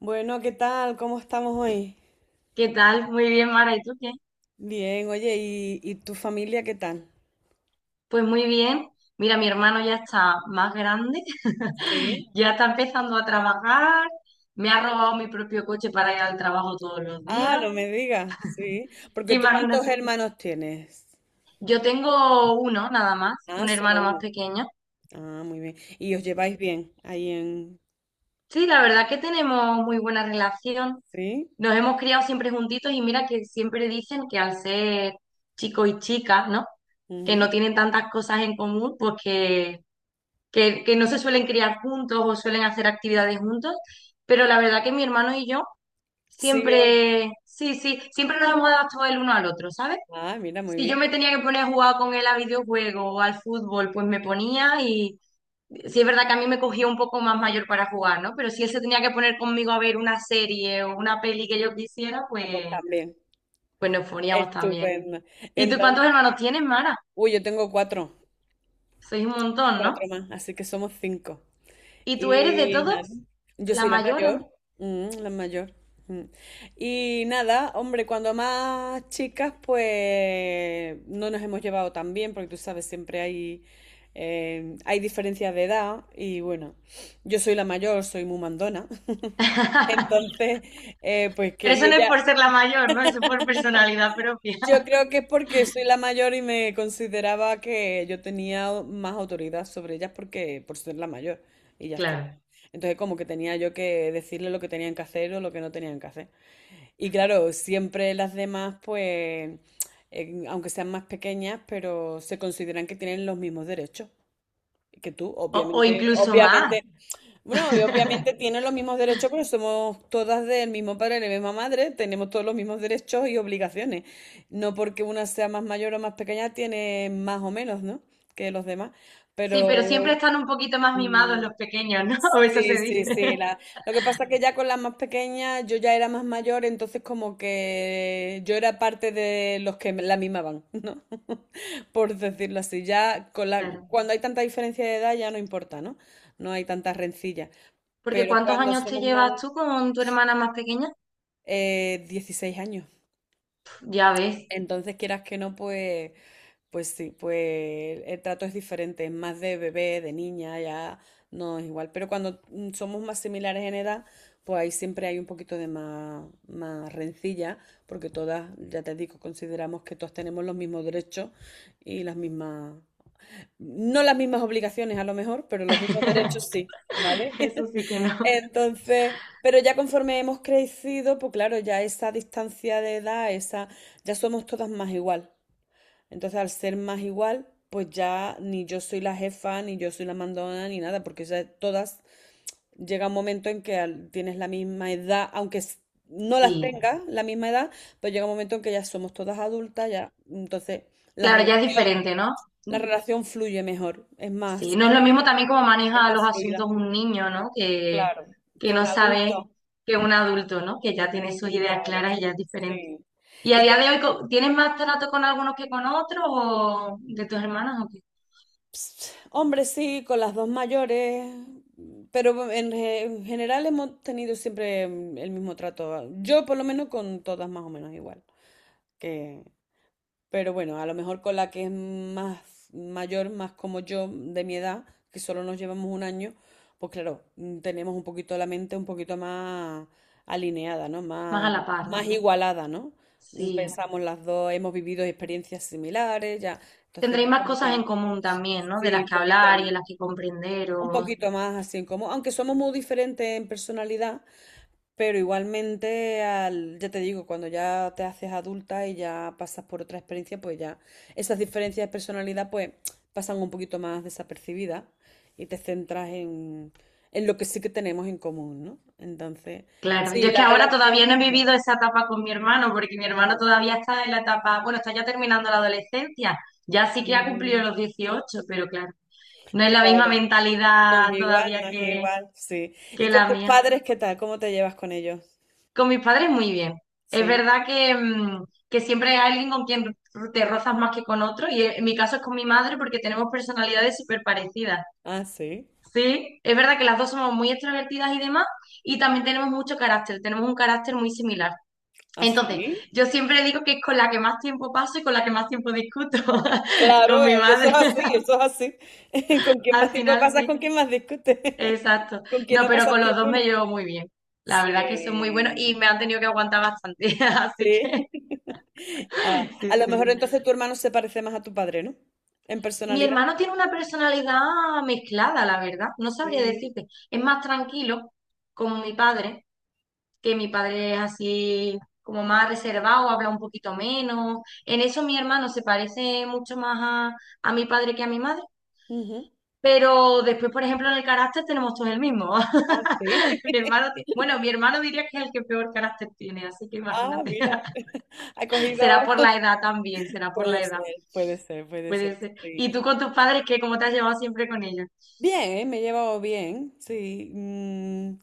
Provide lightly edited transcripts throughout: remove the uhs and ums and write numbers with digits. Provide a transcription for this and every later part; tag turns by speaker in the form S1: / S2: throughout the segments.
S1: Bueno, ¿qué tal? ¿Cómo estamos hoy?
S2: ¿Qué tal? Muy bien, Mara. ¿Y tú qué?
S1: Bien, oye, ¿y tu familia qué tal?
S2: Pues muy bien. Mira, mi hermano ya está más grande,
S1: Sí.
S2: ya está empezando a trabajar, me ha robado mi propio coche para ir al trabajo todos los días.
S1: Ah, no me digas, sí. Porque tú, ¿cuántos
S2: Imagínate.
S1: hermanos tienes?
S2: Yo tengo uno nada más,
S1: Ah,
S2: un
S1: solo
S2: hermano más
S1: uno.
S2: pequeño.
S1: Ah, muy bien. ¿Y os
S2: Sí,
S1: lleváis bien ahí en...
S2: sí, la verdad que tenemos muy buena relación.
S1: ¿Sí?
S2: Nos hemos criado siempre juntitos y mira que siempre dicen que al ser chicos y chicas, ¿no? Que
S1: Ujú.
S2: no tienen tantas cosas en común, pues que no se suelen criar juntos o suelen hacer actividades juntos, pero la verdad que mi hermano y yo
S1: Sí, os...
S2: siempre, sí, sí, siempre nos hemos adaptado el uno al otro, ¿sabes?
S1: Ah, mira, muy
S2: Si yo
S1: bien.
S2: me tenía que poner a jugar con él a videojuegos o al fútbol, pues me ponía y sí es verdad que a mí me cogía un poco más mayor para jugar, ¿no? Pero si él se tenía que poner conmigo a ver una serie o una peli que yo quisiera, pues,
S1: Ah, pues también.
S2: pues nos poníamos también.
S1: Estupendo.
S2: ¿Y tú
S1: Entonces,
S2: cuántos hermanos tienes, Mara?
S1: uy, yo tengo cuatro,
S2: Sois un montón, ¿no?
S1: cuatro más, así que somos cinco.
S2: ¿Y tú eres de
S1: Y
S2: todos?
S1: nada, yo
S2: La
S1: soy la
S2: mayor, la
S1: mayor,
S2: menor.
S1: la mayor. Mm. Y nada, hombre, cuando más chicas, pues no nos hemos llevado tan bien, porque tú sabes, siempre hay diferencias de edad. Y bueno, yo soy la mayor, soy muy mandona. Entonces, pues
S2: Pero
S1: que, y
S2: eso no es
S1: ella,
S2: por ser la mayor, ¿no? Eso es por personalidad propia.
S1: yo creo que es porque soy la mayor y me consideraba que yo tenía más autoridad sobre ellas porque por ser la mayor y ya está.
S2: Claro.
S1: Entonces como que tenía yo que decirle lo que tenían que hacer o lo que no tenían que hacer. Y claro, siempre las demás pues, aunque sean más pequeñas, pero se consideran que tienen los mismos derechos que tú.
S2: O
S1: Obviamente,
S2: incluso más.
S1: obviamente, bueno, y obviamente tienen los mismos derechos, pero somos todas del mismo padre y la misma madre, tenemos todos los mismos derechos y obligaciones. No porque una sea más mayor o más pequeña, tiene más o menos, ¿no? Que los demás.
S2: Sí, pero siempre
S1: Pero
S2: están un poquito más mimados
S1: mm,
S2: los pequeños, ¿no? O eso
S1: sí,
S2: se dice.
S1: sí, sí. Lo que pasa es que ya con las más pequeñas yo ya era más mayor, entonces como que yo era parte de los que la mimaban, ¿no? Por decirlo así. Ya con la...
S2: Claro.
S1: cuando hay tanta diferencia de edad ya no importa, ¿no? No hay tantas rencillas.
S2: Porque
S1: Pero
S2: ¿cuántos
S1: cuando
S2: años te
S1: somos más
S2: llevas tú con tu hermana más pequeña?
S1: 16 años.
S2: Ya ves.
S1: Entonces, quieras que no, pues, pues sí, pues el trato es diferente, es más de bebé, de niña, ya no es igual. Pero cuando somos más similares en edad, pues ahí siempre hay un poquito de más, más rencilla, porque todas, ya te digo, consideramos que todas tenemos los mismos derechos y las mismas, no las mismas obligaciones a lo mejor, pero los mismos derechos sí, ¿vale?
S2: Eso sí que no.
S1: Entonces, pero ya conforme hemos crecido, pues claro, ya esa distancia de edad, esa, ya somos todas más igual. Entonces, al ser más igual, pues ya ni yo soy la jefa, ni yo soy la mandona, ni nada, porque ya todas llega un momento en que tienes la misma edad, aunque no las
S2: Sí.
S1: tengas la misma edad, pues llega un momento en que ya somos todas adultas, ya, entonces la
S2: Claro, ya es
S1: relación,
S2: diferente, ¿no?
S1: la relación fluye mejor, es
S2: Sí,
S1: más,
S2: no es lo mismo también como
S1: es
S2: maneja los
S1: más fluida,
S2: asuntos un niño, ¿no? Que,
S1: claro,
S2: que
S1: que
S2: no
S1: un
S2: sabe
S1: adulto.
S2: que un adulto, ¿no? Que ya tiene sus ideas
S1: Claro.
S2: claras y ya es diferente.
S1: Sí.
S2: ¿Y a
S1: Y con-
S2: día de hoy tienes más trato con algunos que con otros o de tus hermanas o qué?
S1: hombre, sí, con las dos mayores, pero en general hemos tenido siempre el mismo trato. Yo por lo menos con todas más o menos igual. Que Pero bueno, a lo mejor con la que es más mayor, más como yo, de mi edad, que solo nos llevamos un año, pues claro, tenemos un poquito la mente un poquito más alineada, ¿no?
S2: Más a
S1: Más,
S2: la par,
S1: más
S2: ¿no?
S1: igualada, ¿no? Mm,
S2: Sí.
S1: Pensamos las dos, hemos vivido experiencias similares, ya, entonces
S2: Tendréis
S1: ya
S2: más
S1: como que
S2: cosas en común también, ¿no? De
S1: sí,
S2: las
S1: un
S2: que
S1: poquito,
S2: hablar y de las que comprender
S1: un
S2: o...
S1: poquito más así como, aunque somos muy diferentes en personalidad, pero igualmente, al, ya te digo, cuando ya te haces adulta y ya pasas por otra experiencia, pues ya esas diferencias de personalidad pues pasan un poquito más desapercibidas y te centras en lo que sí que tenemos en común, ¿no? Entonces,
S2: Claro,
S1: sí,
S2: yo es que
S1: la
S2: ahora
S1: relación
S2: todavía no he
S1: mejor.
S2: vivido esa etapa con mi hermano, porque mi hermano todavía está en la etapa, bueno, está ya terminando la adolescencia, ya sí que ha cumplido
S1: Mm,
S2: los 18, pero claro, no es la misma
S1: Claro, no es
S2: mentalidad
S1: igual,
S2: todavía
S1: no es igual, sí. ¿Y
S2: que
S1: con
S2: la
S1: tus
S2: mía.
S1: padres qué tal? ¿Cómo te llevas con ellos?
S2: Con mis padres muy bien. Es
S1: Sí.
S2: verdad que, que siempre hay alguien con quien te rozas más que con otro, y en mi caso es con mi madre porque tenemos personalidades súper parecidas.
S1: Ah, sí.
S2: Sí, es verdad que las dos somos muy extrovertidas y demás, y también tenemos mucho carácter, tenemos un carácter muy similar. Entonces,
S1: ¿Así?
S2: yo siempre digo que es con la que más tiempo paso y con la que más tiempo discuto, con
S1: Claro,
S2: mi
S1: eso
S2: madre.
S1: es así, eso es así. Con quien
S2: Al
S1: más tiempo
S2: final
S1: pasas,
S2: sí,
S1: con quien más discutes.
S2: exacto.
S1: Con quien
S2: No,
S1: no
S2: pero
S1: pasas
S2: con los dos
S1: tiempo, ¿no?
S2: me llevo muy bien. La verdad que son muy buenos y
S1: Sí,
S2: me han tenido que aguantar bastante, así
S1: sí.
S2: que
S1: Ah,
S2: sí,
S1: a lo mejor
S2: sí.
S1: entonces tu hermano se parece más a tu padre, ¿no? En
S2: Mi
S1: personalidad.
S2: hermano tiene una personalidad mezclada, la verdad. No sabría
S1: Sí.
S2: decirte. Es más tranquilo, como mi padre, que mi padre es así como más reservado, habla un poquito menos. En eso mi hermano se parece mucho más a mi padre que a mi madre.
S1: Ujú.
S2: Pero después, por ejemplo, en el carácter tenemos todos el mismo.
S1: Ah, sí.
S2: Mi hermano, ti- bueno, mi hermano diría que es el que peor carácter tiene, así que
S1: Ah,
S2: imagínate.
S1: mira. Ha
S2: Será
S1: cogido.
S2: por la edad también, será por la
S1: Puede
S2: edad.
S1: ser, puede ser, puede
S2: Puede
S1: ser.
S2: ser.
S1: Sí.
S2: ¿Y tú con tus padres, qué? ¿Cómo te has llevado siempre con ellos?
S1: Bien, ¿eh? Me he llevado bien. Sí.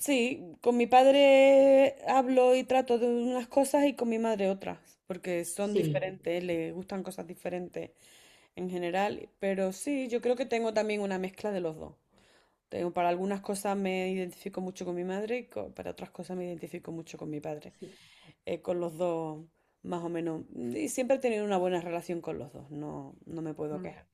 S1: Sí, con mi padre hablo y trato de unas cosas y con mi madre otras, porque son
S2: Sí,
S1: diferentes, le gustan cosas diferentes en general, pero sí, yo creo que tengo también una mezcla de los dos. Tengo, para algunas cosas me identifico mucho con mi madre y co- para otras cosas me identifico mucho con mi padre.
S2: sí.
S1: Con los dos, más o menos. Y siempre he tenido una buena relación con los dos, no, no me puedo
S2: Mm.
S1: quejar.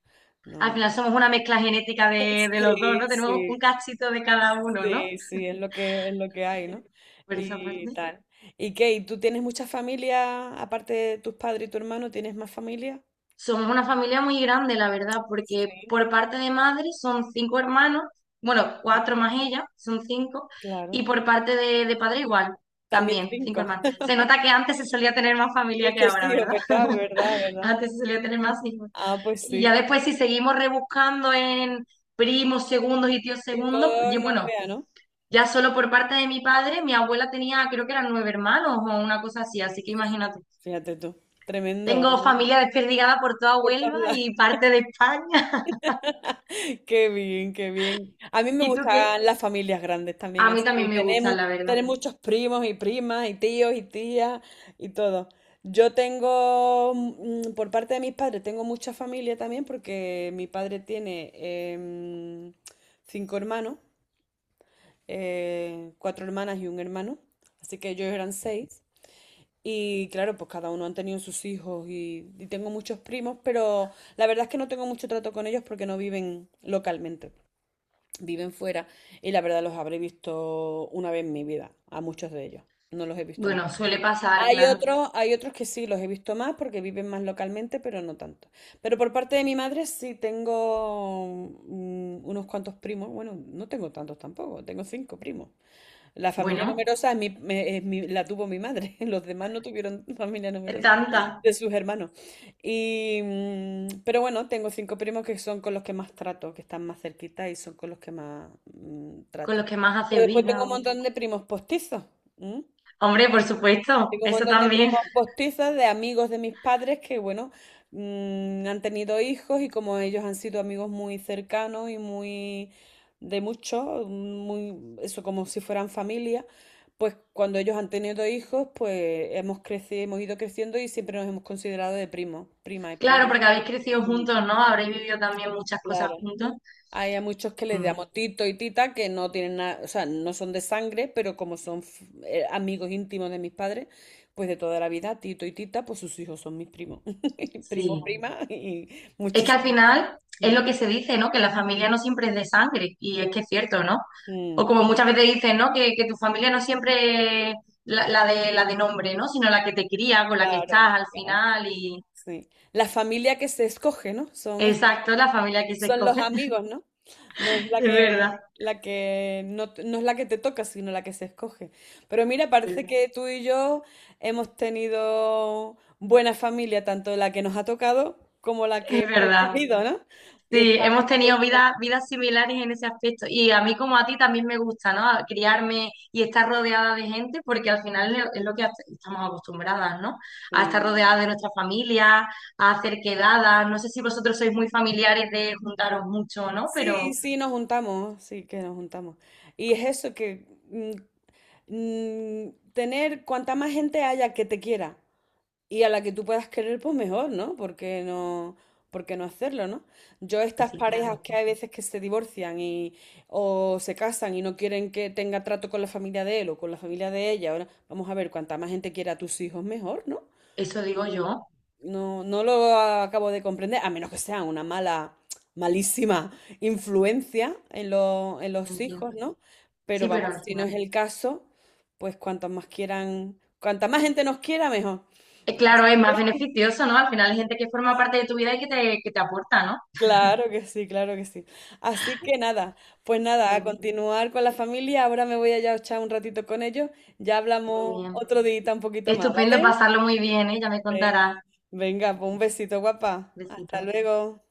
S2: Al
S1: No.
S2: final somos una mezcla genética de los dos, ¿no?
S1: Sí,
S2: Tenemos un
S1: sí.
S2: cachito de cada uno, ¿no?
S1: Sí, sí, es lo que
S2: Así
S1: hay,
S2: que,
S1: ¿no?
S2: por esa
S1: Y
S2: parte.
S1: tal. ¿Y qué? ¿Y tú tienes mucha familia? Aparte de tus padres y tu hermano, ¿tienes más familia?
S2: Somos una familia muy grande, la verdad, porque
S1: Sí.
S2: por parte de madre son cinco hermanos, bueno, cuatro más ella, son cinco, y
S1: Claro.
S2: por parte de padre igual,
S1: También
S2: también, cinco
S1: cinco.
S2: hermanos. Se nota que antes se solía tener más familia que
S1: Muchos
S2: ahora,
S1: tíos,
S2: ¿verdad?
S1: ¿verdad? ¿Verdad? ¿Verdad?
S2: Antes se solía tener más hijos.
S1: Ah, pues
S2: Y ya
S1: sí.
S2: después, si seguimos rebuscando en primos segundos y tíos
S1: Y
S2: segundos,
S1: todos
S2: yo,
S1: nos
S2: bueno,
S1: vean, ¿no?
S2: ya solo por parte de mi padre, mi abuela tenía, creo que eran nueve hermanos o una cosa así, así que imagínate.
S1: Fíjate tú. Tremendo,
S2: Tengo
S1: ¿no?
S2: familia desperdigada por toda
S1: Por todos
S2: Huelva
S1: lados.
S2: y parte de España.
S1: Qué bien, qué bien. A mí me
S2: ¿Y tú qué?
S1: gustan las familias grandes
S2: A
S1: también
S2: mí también
S1: así.
S2: me gustan,
S1: Tenemos,
S2: la verdad.
S1: tener muchos primos y primas y tíos y tías y todo. Yo tengo, por parte de mis padres, tengo mucha familia también porque mi padre tiene em, cinco hermanos, cuatro hermanas y un hermano. Así que ellos eran seis. Y claro, pues cada uno han tenido sus hijos y tengo muchos primos, pero la verdad es que no tengo mucho trato con ellos porque no viven localmente, viven fuera y la verdad los habré visto una vez en mi vida, a muchos de ellos. No los he visto
S2: Bueno,
S1: mucho.
S2: suele pasar, claro.
S1: Hay otros que sí los he visto más porque viven más localmente, pero no tanto. Pero por parte de mi madre sí tengo unos cuantos primos. Bueno, no tengo tantos tampoco, tengo cinco primos. La familia
S2: Bueno,
S1: numerosa es mi- me- es mi- la tuvo mi madre. Los demás no tuvieron familia
S2: es
S1: numerosa
S2: tanta.
S1: de sus hermanos. Y, pero bueno, tengo cinco primos que son con los que más trato, que están más cerquita y son con los que más
S2: Con
S1: trato.
S2: los que más
S1: Pero
S2: haces
S1: después tengo
S2: vida.
S1: un
S2: O,
S1: montón de primos postizos.
S2: hombre, por supuesto,
S1: Tengo un
S2: eso
S1: montón de
S2: también.
S1: primos postizos, de amigos de mis padres que, bueno, han tenido hijos y como ellos han sido amigos muy cercanos y muy de mucho, muy, eso, como si fueran familia, pues cuando ellos han tenido hijos, pues hemos crecido, hemos ido creciendo y siempre nos hemos considerado de primos, prima y
S2: Claro,
S1: primo.
S2: porque habéis crecido
S1: Mm,
S2: juntos, ¿no? Habréis vivido también muchas cosas
S1: Claro.
S2: juntos.
S1: Hay a muchos que les
S2: Mm,
S1: llamo Tito y Tita que no tienen nada, o sea, no son de sangre, pero como son amigos íntimos de mis padres, pues de toda la vida, Tito y Tita, pues sus hijos son mis primos, primo,
S2: sí.
S1: prima y
S2: Es que al
S1: muchísimo.
S2: final es
S1: Mm,
S2: lo que se dice, ¿no? Que la familia no siempre es de sangre, y es que es cierto, ¿no? O
S1: mm,
S2: como muchas veces dicen, ¿no? Que tu familia no siempre es la de nombre, ¿no? Sino la que te cría, con la que
S1: claro,
S2: estás al
S1: claro,
S2: final, y
S1: sí. La familia que se escoge, ¿no? Son
S2: exacto, la familia que se
S1: Son los
S2: escoge,
S1: amigos, ¿no? No es
S2: es verdad,
S1: la que no, t- no es la que te toca, sino la que se escoge. Pero mira, parece que tú y yo hemos tenido buena familia, tanto la que nos ha tocado como la
S2: es
S1: que hemos
S2: verdad.
S1: escogido, ¿no? Y
S2: Sí,
S1: estamos
S2: hemos
S1: a
S2: tenido vidas
S1: gusto.
S2: vidas similares en ese aspecto. Y a mí como a ti también me gusta, ¿no? Criarme y estar rodeada de gente, porque al final es lo que hace- estamos acostumbradas, ¿no? A estar
S1: Sí.
S2: rodeada de nuestra familia, a hacer quedadas. No sé si vosotros sois muy familiares de juntaros mucho, o ¿no?
S1: Sí,
S2: Pero
S1: sí, nos juntamos, sí que nos juntamos. Y es eso que tener cuanta más gente haya que te quiera. Y a la que tú puedas querer, pues mejor, ¿no? Porque no, ¿por qué no hacerlo, ¿no? Yo
S2: pues
S1: estas
S2: sí, tienes
S1: parejas que
S2: razón.
S1: hay veces que se divorcian y o se casan y no quieren que tenga trato con la familia de él o con la familia de ella, ahora vamos a ver, cuanta más gente quiera a tus hijos, mejor, ¿no?
S2: Eso digo yo,
S1: No, no lo acabo de comprender, a menos que sea una mala, malísima influencia en lo- en los
S2: entiendo.
S1: hijos, ¿no? Pero
S2: Sí, pero
S1: vamos,
S2: al
S1: si no
S2: final,
S1: es el caso, pues cuantas más quieran, cuanta más gente nos quiera, mejor. Así
S2: claro, es más
S1: que
S2: beneficioso, ¿no? Al final hay gente que forma parte de tu vida y que te aporta, ¿no?
S1: claro que sí, claro que sí. Así que nada, pues nada, a
S2: Bueno,
S1: continuar con la familia. Ahora me voy allá a echar un ratito con ellos. Ya
S2: muy
S1: hablamos
S2: bien.
S1: otro día un poquito más,
S2: Estupendo,
S1: ¿vale?
S2: pasarlo muy bien, ¿eh? Ya me
S1: Ven-
S2: contarás.
S1: Venga, pues un besito, guapa.
S2: Besito.
S1: Hasta luego.